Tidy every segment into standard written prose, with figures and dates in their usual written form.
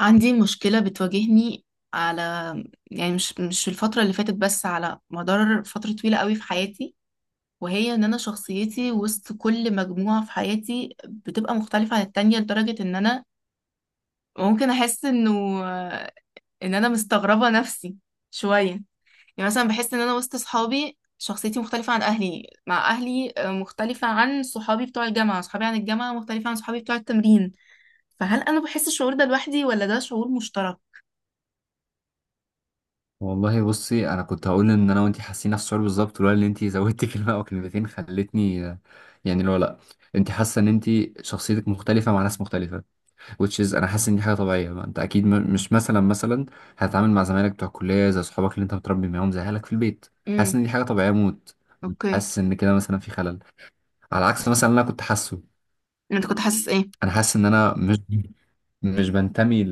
عندي مشكلة بتواجهني على، يعني مش في الفترة اللي فاتت، بس على مدار فترة طويلة قوي في حياتي. وهي ان انا شخصيتي وسط كل مجموعة في حياتي بتبقى مختلفة عن التانية، لدرجة ان انا ممكن احس انه ان انا مستغربة نفسي شوية. يعني مثلا بحس ان انا وسط صحابي شخصيتي مختلفة عن اهلي، مع اهلي مختلفة عن صحابي بتوع الجامعة، صحابي عن الجامعة مختلفة عن صحابي بتوع التمرين. فهل انا بحس الشعور ده لوحدي ولا ده شعور مشترك؟ والله بصي انا كنت هقول ان انا وانتي حاسين نفس الشعور بالظبط، لولا ان انتي زودتي كلمه او كلمتين خلتني. يعني لو لا انتي حاسه ان انتي شخصيتك مختلفه مع ناس مختلفه. which is انا حاسس ان دي حاجه طبيعيه، ما انت اكيد مش مثلا هتتعامل مع زمايلك بتوع الكليه زي صحابك اللي انت متربي معاهم زي اهلك في البيت. حاسس امم ان دي حاجه طبيعيه موت. اوكي. حاسس ان كده مثلا في خلل، على عكس مثلا اللي انا كنت حاسه. انت كنت حاسس ايه؟ انا حاسس ان انا مش بنتمي.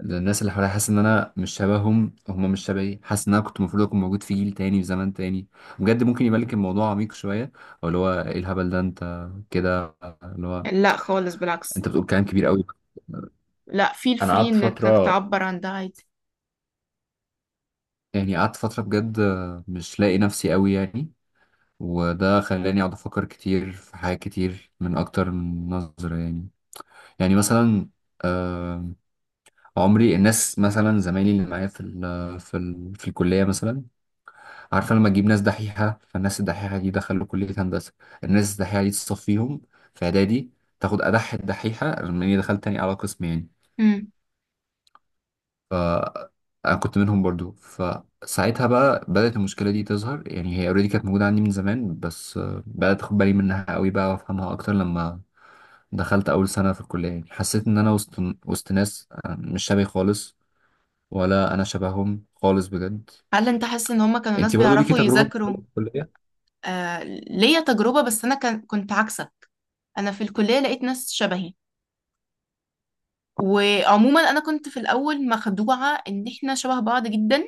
الناس اللي حواليا، حاسس ان انا مش شبههم، هم مش شبهي. حاسس ان انا كنت المفروض اكون موجود في جيل تاني، في زمان تاني. بجد ممكن يبان لك الموضوع عميق شويه، او اللي هو ايه الهبل ده انت كده. اللي هو لا خالص، بالعكس. انت بتقول كلام كبير قوي. لا، فeel انا free قعدت انك فتره، تعبر عن ده عادي. يعني قعدت فتره بجد مش لاقي نفسي، قوي يعني. وده خلاني اقعد افكر كتير في حاجات كتير من اكتر من نظره يعني. يعني مثلا، آه، عمري الناس مثلا زمايلي اللي معايا في ال في ال في الكليه مثلا. عارفة لما تجيب ناس دحيحة، فالناس الدحيحة دي دخلوا كلية هندسة. الناس الدحيحة دي تصفيهم في إعدادي، تاخد أدح الدحيحة، لما إني دخلت تاني على قسم يعني. مم. ف أنا كنت منهم برضو، فساعتها بقى بدأت المشكلة دي تظهر. يعني هي أوريدي كانت موجودة عندي من زمان، بس بدأت أخد بالي منها قوي بقى وأفهمها أكتر لما دخلت أول سنة في الكلية. يعني حسيت إن أنا وسط وسط ناس مش شبهي خالص، ولا أنا شبههم خالص بجد. هل انت حاسس ان هما كانوا ناس أنتي برضو ليكي بيعرفوا تجربة في يذاكروا؟ الكلية؟ آه، ليا تجربة، بس انا كان كنت عكسك. انا في الكلية لقيت ناس شبهي، وعموما انا كنت في الاول مخدوعة ان احنا شبه بعض جدا،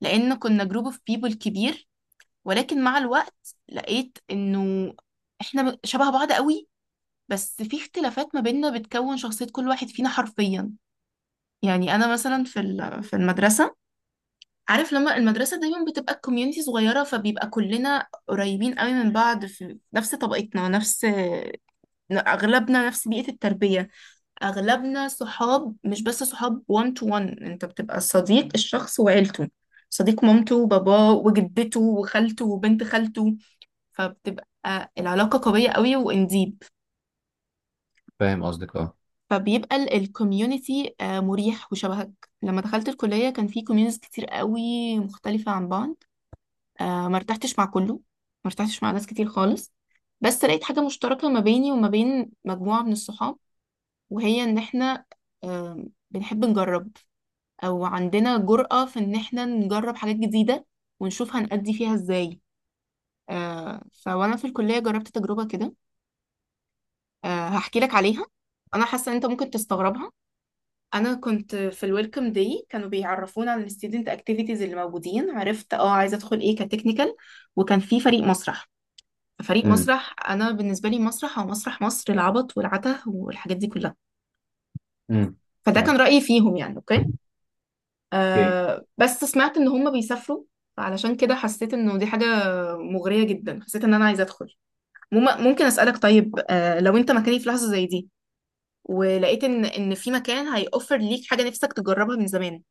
لان كنا جروب اوف بيبل كبير. ولكن مع الوقت لقيت انه احنا شبه بعض قوي، بس في اختلافات ما بيننا بتكون شخصية كل واحد فينا حرفيا. يعني انا مثلا في في المدرسة، عارف لما المدرسة دايما بتبقى الكوميونتي صغيرة، فبيبقى كلنا قريبين قوي من بعض، في نفس طبقتنا، نفس أغلبنا نفس بيئة التربية، أغلبنا صحاب، مش بس صحاب one to one، أنت بتبقى صديق الشخص وعيلته، صديق مامته وباباه وجدته وخالته وبنت خالته. فبتبقى العلاقة قوية قوي وانديب. فاهم قصدك. فبيبقى الكوميونتي مريح وشبهك. لما دخلت الكلية كان في كوميونيز كتير قوي، مختلفة عن بعض. آه، ما ارتحتش مع كله، ما ارتحتش مع ناس كتير خالص، بس لقيت حاجة مشتركة ما بيني وما بين مجموعة من الصحاب، وهي إن إحنا آه بنحب نجرب، أو عندنا جرأة في إن إحنا نجرب حاجات جديدة ونشوف هنأدي فيها إزاي. فوأنا في الكلية جربت تجربة كده. آه، هحكي لك عليها. أنا حاسة إن أنت ممكن تستغربها. أنا كنت في الويلكم داي كانوا بيعرفونا عن الستودنت أكتيفيتيز اللي موجودين، عرفت أه عايزة أدخل إيه كتكنيكال، وكان في فريق مسرح. فريق اه. مسرح انا بالنسبه لي مسرح او مسرح مصر العبط والعته والحاجات دي كلها. امم. فده كان معاك. رايي فيهم، يعني اوكي. اوكي. آه، بس سمعت ان هم بيسافروا، فعلشان كده حسيت انه دي حاجه مغريه جدا، حسيت ان انا عايزه ادخل. ممكن اسالك طيب، آه لو انت مكاني في لحظه زي دي ولقيت ان ان في مكان هيوفر ليك حاجه نفسك تجربها من زمان،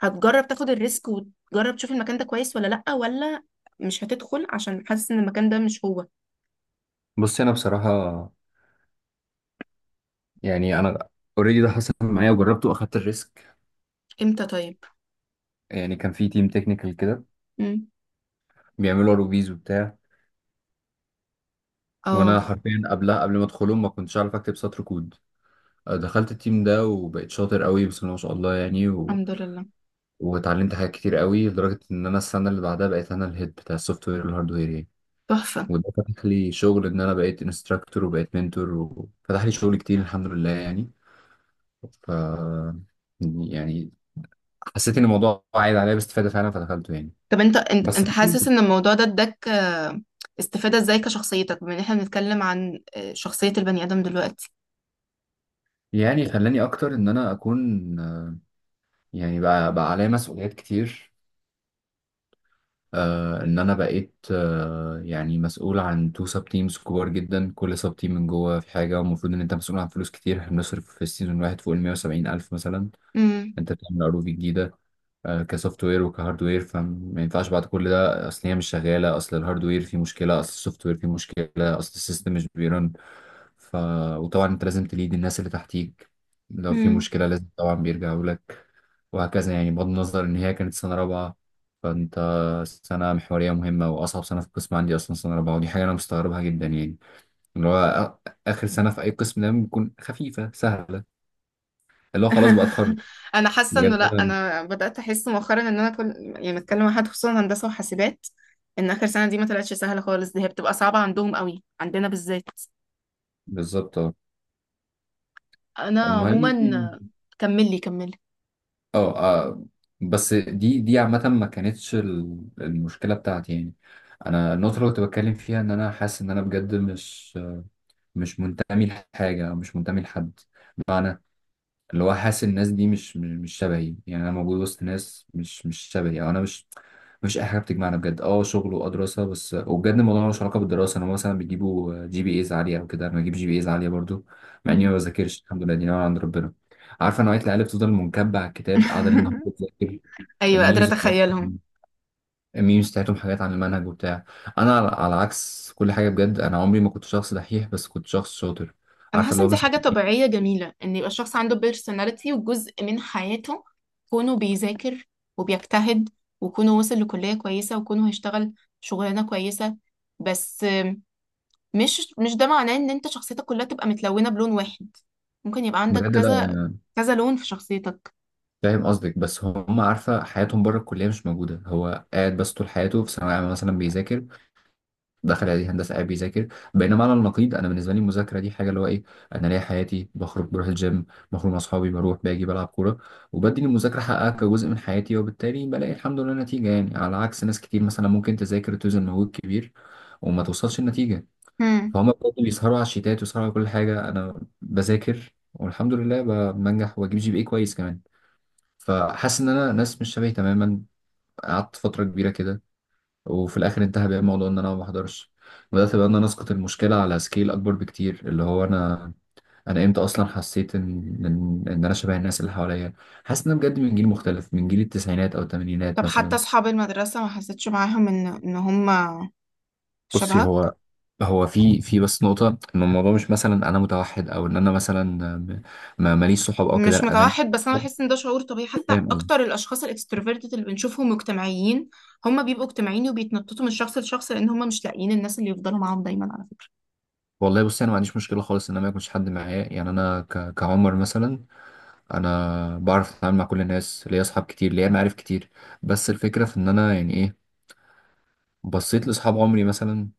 هتجرب تاخد الريسك وتجرب تشوف المكان ده كويس ولا لا، ولا مش هتدخل عشان حاسس ان المكان ده مش هو؟ بص انا بصراحه، يعني انا، اوريدي ده حصل معايا وجربته واخدت الريسك. امتى طيب؟ يعني كان في تيم تكنيكال كده امم. بيعملوا روبيز وبتاع. اه. وانا حرفيا قبلها، قبل ما ادخلهم، ما كنتش اعرف اكتب سطر كود. دخلت التيم ده وبقيت شاطر قوي، بسم الله ما شاء الله، يعني و... الحمد لله. واتعلمت حاجات كتير قوي، لدرجه ان انا السنه اللي بعدها بقيت انا الهيد بتاع السوفت وير والهاردوير يعني. تحفة. وده فتح لي شغل ان انا بقيت انستراكتور وبقيت منتور، وفتح لي شغل كتير الحمد لله يعني. ف يعني حسيت ان الموضوع عايد عليا باستفاده فعلا، فدخلته يعني. طب انت، انت بس انت حاسس ان الموضوع ده اداك استفادة ازاي كشخصيتك، بما ان احنا بنتكلم عن شخصية البني ادم دلوقتي؟ يعني خلاني اكتر ان انا اكون يعني بقى عليا مسؤوليات كتير. آه ان انا بقيت مسؤول عن تو سب تيمز كبار جدا، كل سب تيم من جوه في حاجه، والمفروض ان انت مسؤول عن فلوس كتير. احنا بنصرف في السيزون الواحد فوق ال 170 الف مثلا. امم. انت بتعمل عروض جديده، آه كسوفت وير وكهارد وير، فما ينفعش بعد كل ده اصل هي مش شغاله، اصل الهارد وير فيه مشكله، اصل السوفت وير فيه مشكله، اصل السيستم مش بيرن. ف... وطبعا انت لازم تليد الناس اللي تحتيك. لو في امم. مشكلة لازم طبعا بيرجعوا لك، وهكذا. يعني بغض النظر ان هي كانت سنة رابعة، فانت سنة محورية مهمة واصعب سنة في القسم عندي اصلا سنة رابعة. ودي حاجة انا مستغربها جدا يعني، اللي هو اخر سنة في اي قسم دايما بتكون خفيفة سهلة، اللي هو خلاص بقى اتخرج. انا حاسة انه بجد لا، أنا- انا بدأت احس مؤخرا ان انا كل يعني بتكلم مع حد خصوصا هندسة وحاسبات، ان اخر سنة دي ما طلعتش سهلة خالص، دي هي بتبقى صعبة عندهم قوي، عندنا بالذات. بالظبط اه. انا المهم يعني- عموما كملي كملي. اه. بس دي عامة، ما كانتش المشكلة بتاعتي يعني. انا النقطه اللي كنت بتكلم فيها ان انا حاسس ان انا بجد مش منتمي لحاجة، أو مش منتمي لحد. بمعنى اللي هو حاسس الناس دي مش شبهي. يعني أنا موجود وسط ناس مش شبهي، أو أنا مش. مفيش أي حاجة بتجمعنا بجد، أه شغل وأه دراسة بس. وبجد الموضوع ملوش علاقة بالدراسة. أنا مثلا بيجيبوا جي بي إيز عالية أو كده، أنا بجيب جي بي إيز عالية برضو مع إني مم. ما بذاكرش، الحمد لله دي نعمة عند ربنا. عارفة نوعية العيال اللي بتفضل منكبة على الكتاب، قاعدة ليل نهار بتذاكر. ايوه، قادرة الميمز اتخيلهم. بتاعتهم، الميمز بتاعتهم حاجات عن المنهج وبتاع. انا على عكس كل حاجه بجد، انا عمري ما كنت شخص دحيح، بس كنت شخص شاطر. انا عارفه حاسه اللي ان هو دي مثلا حاجه إيه؟ طبيعيه جميله، ان يبقى الشخص عنده بيرسوناليتي وجزء من حياته كونه بيذاكر وبيجتهد، وكونه وصل لكليه كويسه، وكونه هيشتغل شغلانه كويسه. بس مش ده معناه ان انت شخصيتك كلها تبقى متلونه بلون واحد. ممكن يبقى عندك بجد لا. كذا يعني كذا لون في شخصيتك. فاهم قصدك، بس هم عارفه حياتهم بره الكليه مش موجوده. هو قاعد بس طول حياته في ثانويه عامه مثلا بيذاكر، دخل عليه هندسه قاعد بيذاكر. بينما على النقيض انا بالنسبه لي المذاكره دي حاجه اللي هو ايه. انا ليا حياتي، بخرج بروح الجيم، بخرج مع اصحابي، بروح باجي بلعب كوره، وبدي المذاكره حقها كجزء من حياتي. وبالتالي بلاقي الحمد لله نتيجه، يعني على عكس ناس كتير مثلا ممكن تذاكر وتبذل مجهود كبير وما توصلش النتيجة. هم. فهم بجد بيسهروا على الشيتات ويسهروا على كل حاجة، أنا بذاكر والحمد لله بنجح وبجيب جي بي اي كويس كمان. فحاسس إن أنا ناس مش شبهي تماما. قعدت فترة كبيرة كده، وفي الاخر انتهى بيا الموضوع ان انا ما بحضرش. بدات بقى ان انا اسقط المشكله على سكيل اكبر بكتير، اللي هو انا، انا امتى اصلا حسيت ان إن انا شبه الناس اللي حواليا. حاسس ان انا بجد من جيل مختلف، من جيل التسعينات او الثمانينات طب حتى مثلا. اصحاب المدرسه ما حسيتش معاهم ان هم بصي شبهك؟ هو، هو في بس نقطه، ان الموضوع مش مثلا انا متوحد، او ان انا مثلا م- ما ماليش صحاب او كده. مش لا انا ليا متوحد، بس انا صحاب. بحس ان ده شعور طبيعي. حتى فاهم قصدي. اكتر الاشخاص الاكستروفيرتد اللي بنشوفهم مجتمعيين، هم بيبقوا اجتماعيين وبيتنططوا من شخص لشخص، لان هم مش لاقيين الناس اللي يفضلوا معاهم دايما على فكره. والله بصي انا ما عنديش مشكله خالص ان انا ما يكونش حد معايا، يعني انا كعمر مثلا انا بعرف اتعامل مع كل الناس، ليا اصحاب كتير، ليا معارف كتير. بس الفكره في ان انا يعني ايه، بصيت لاصحاب عمري مثلا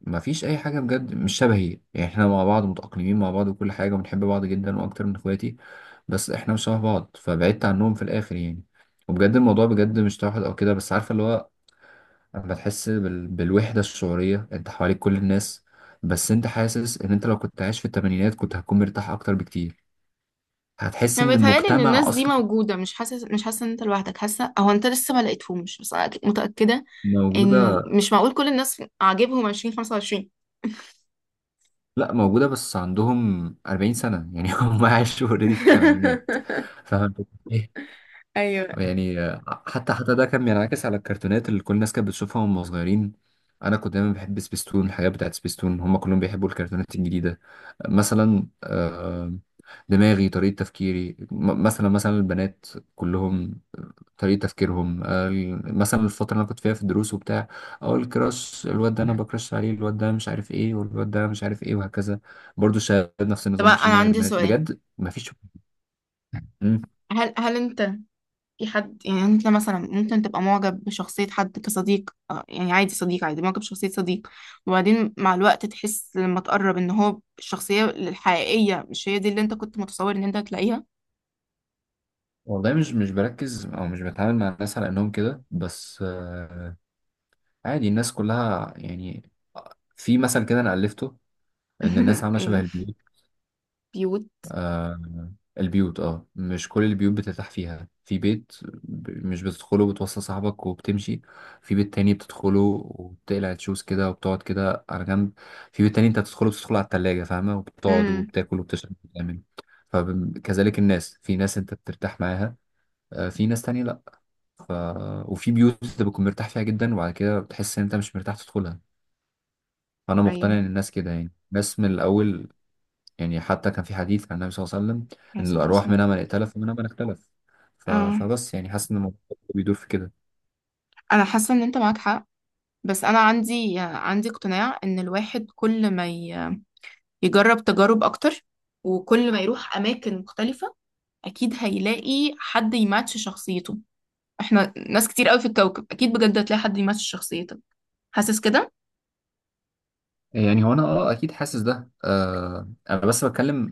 ما فيش اي حاجه بجد مش شبهي. يعني احنا مع بعض متاقلمين مع بعض وكل حاجه، وبنحب بعض جدا واكتر من اخواتي، بس احنا مش شبه بعض، فبعدت عنهم في الاخر يعني. وبجد الموضوع بجد مش توحد او كده، بس عارفه اللي هو، اما تحس بالوحده الشعوريه، انت حواليك كل الناس، بس انت حاسس ان انت لو كنت عايش في الثمانينات كنت هتكون مرتاح اكتر بكتير. هتحس انا ان بيتهيالي ان المجتمع الناس دي اصلا موجوده، مش حاسه ان انت لوحدك، حاسه او انت لسه ما لقيتهمش، بس انا أكيد متاكده موجودة. انه مش معقول كل الناس عاجبهم 20 25. لا موجودة، بس عندهم 40 سنة يعني هم عاشوا اوريدي في الثمانينات. فاهم الفكرة؟ إيه؟ ايوه. يعني حتى حتى ده كان بينعكس على الكرتونات اللي كل الناس كانت بتشوفها وهم صغيرين. انا كنت دايما بحب سبيستون، الحاجات بتاعت سبيستون. هم كلهم بيحبوا الكرتونات الجديدة مثلا. دماغي طريقة تفكيري مثلا، مثلا البنات كلهم طريقة تفكيرهم، مثلا الفترة اللي أنا كنت فيها في الدروس وبتاع، أقول الكراش الواد ده أنا بكراش عليه، الواد ده مش عارف إيه، والواد ده مش عارف إيه، وهكذا. برضو الشباب نفس طب النظام، مفيش انا دماغ غير عندي بنات سؤال. بجد مفيش. مم. هل انت في حد، يعني انت مثلا ممكن تبقى معجب بشخصية حد كصديق، يعني عادي صديق عادي معجب بشخصية صديق، وبعدين مع الوقت تحس لما تقرب ان هو الشخصية الحقيقية مش هي دي اللي انت كنت متصور ان انت هتلاقيها؟ والله مش مش بركز أو مش بتعامل مع الناس على إنهم كده، بس عادي الناس كلها يعني. في مثل كده أنا ألفته، إن الناس عاملة شبه إيه، البيوت. بيوت؟ آه البيوت. اه مش كل البيوت بترتاح فيها. في بيت مش بتدخله، بتوصل صاحبك وبتمشي. في بيت تاني بتدخله وبتقلع الشوز كده وبتقعد كده على جنب. في بيت تاني انت بتدخله، بتدخله على التلاجة فاهمة، وبتقعد امم. وبتاكل وبتشرب وبتعمل. فكذلك الناس، في ناس انت بترتاح معاها، في ناس تانية لأ. ف... وفي بيوت انت بتكون مرتاح فيها جدا، وبعد كده بتحس ان انت مش مرتاح تدخلها. فأنا ايوه. مقتنع ان الناس كده يعني، الناس من الأول. يعني حتى كان في حديث عن النبي صلى الله عليه وسلم عليه ان الصلاة الارواح منها والسلام. من ائتلف ومنها من اختلف. اه. فبس يعني حاسس ان الموضوع بيدور في كده انا حاسة ان انت معاك حق، بس انا عندي، عندي اقتناع ان الواحد كل ما يجرب تجارب اكتر وكل ما يروح اماكن مختلفة، اكيد هيلاقي حد يماتش شخصيته. احنا ناس كتير قوي في الكوكب، اكيد بجد هتلاقي حد يمثل شخصيتك. حاسس كده؟ يعني. هو انا اه اكيد حاسس ده، آه انا بس بتكلم.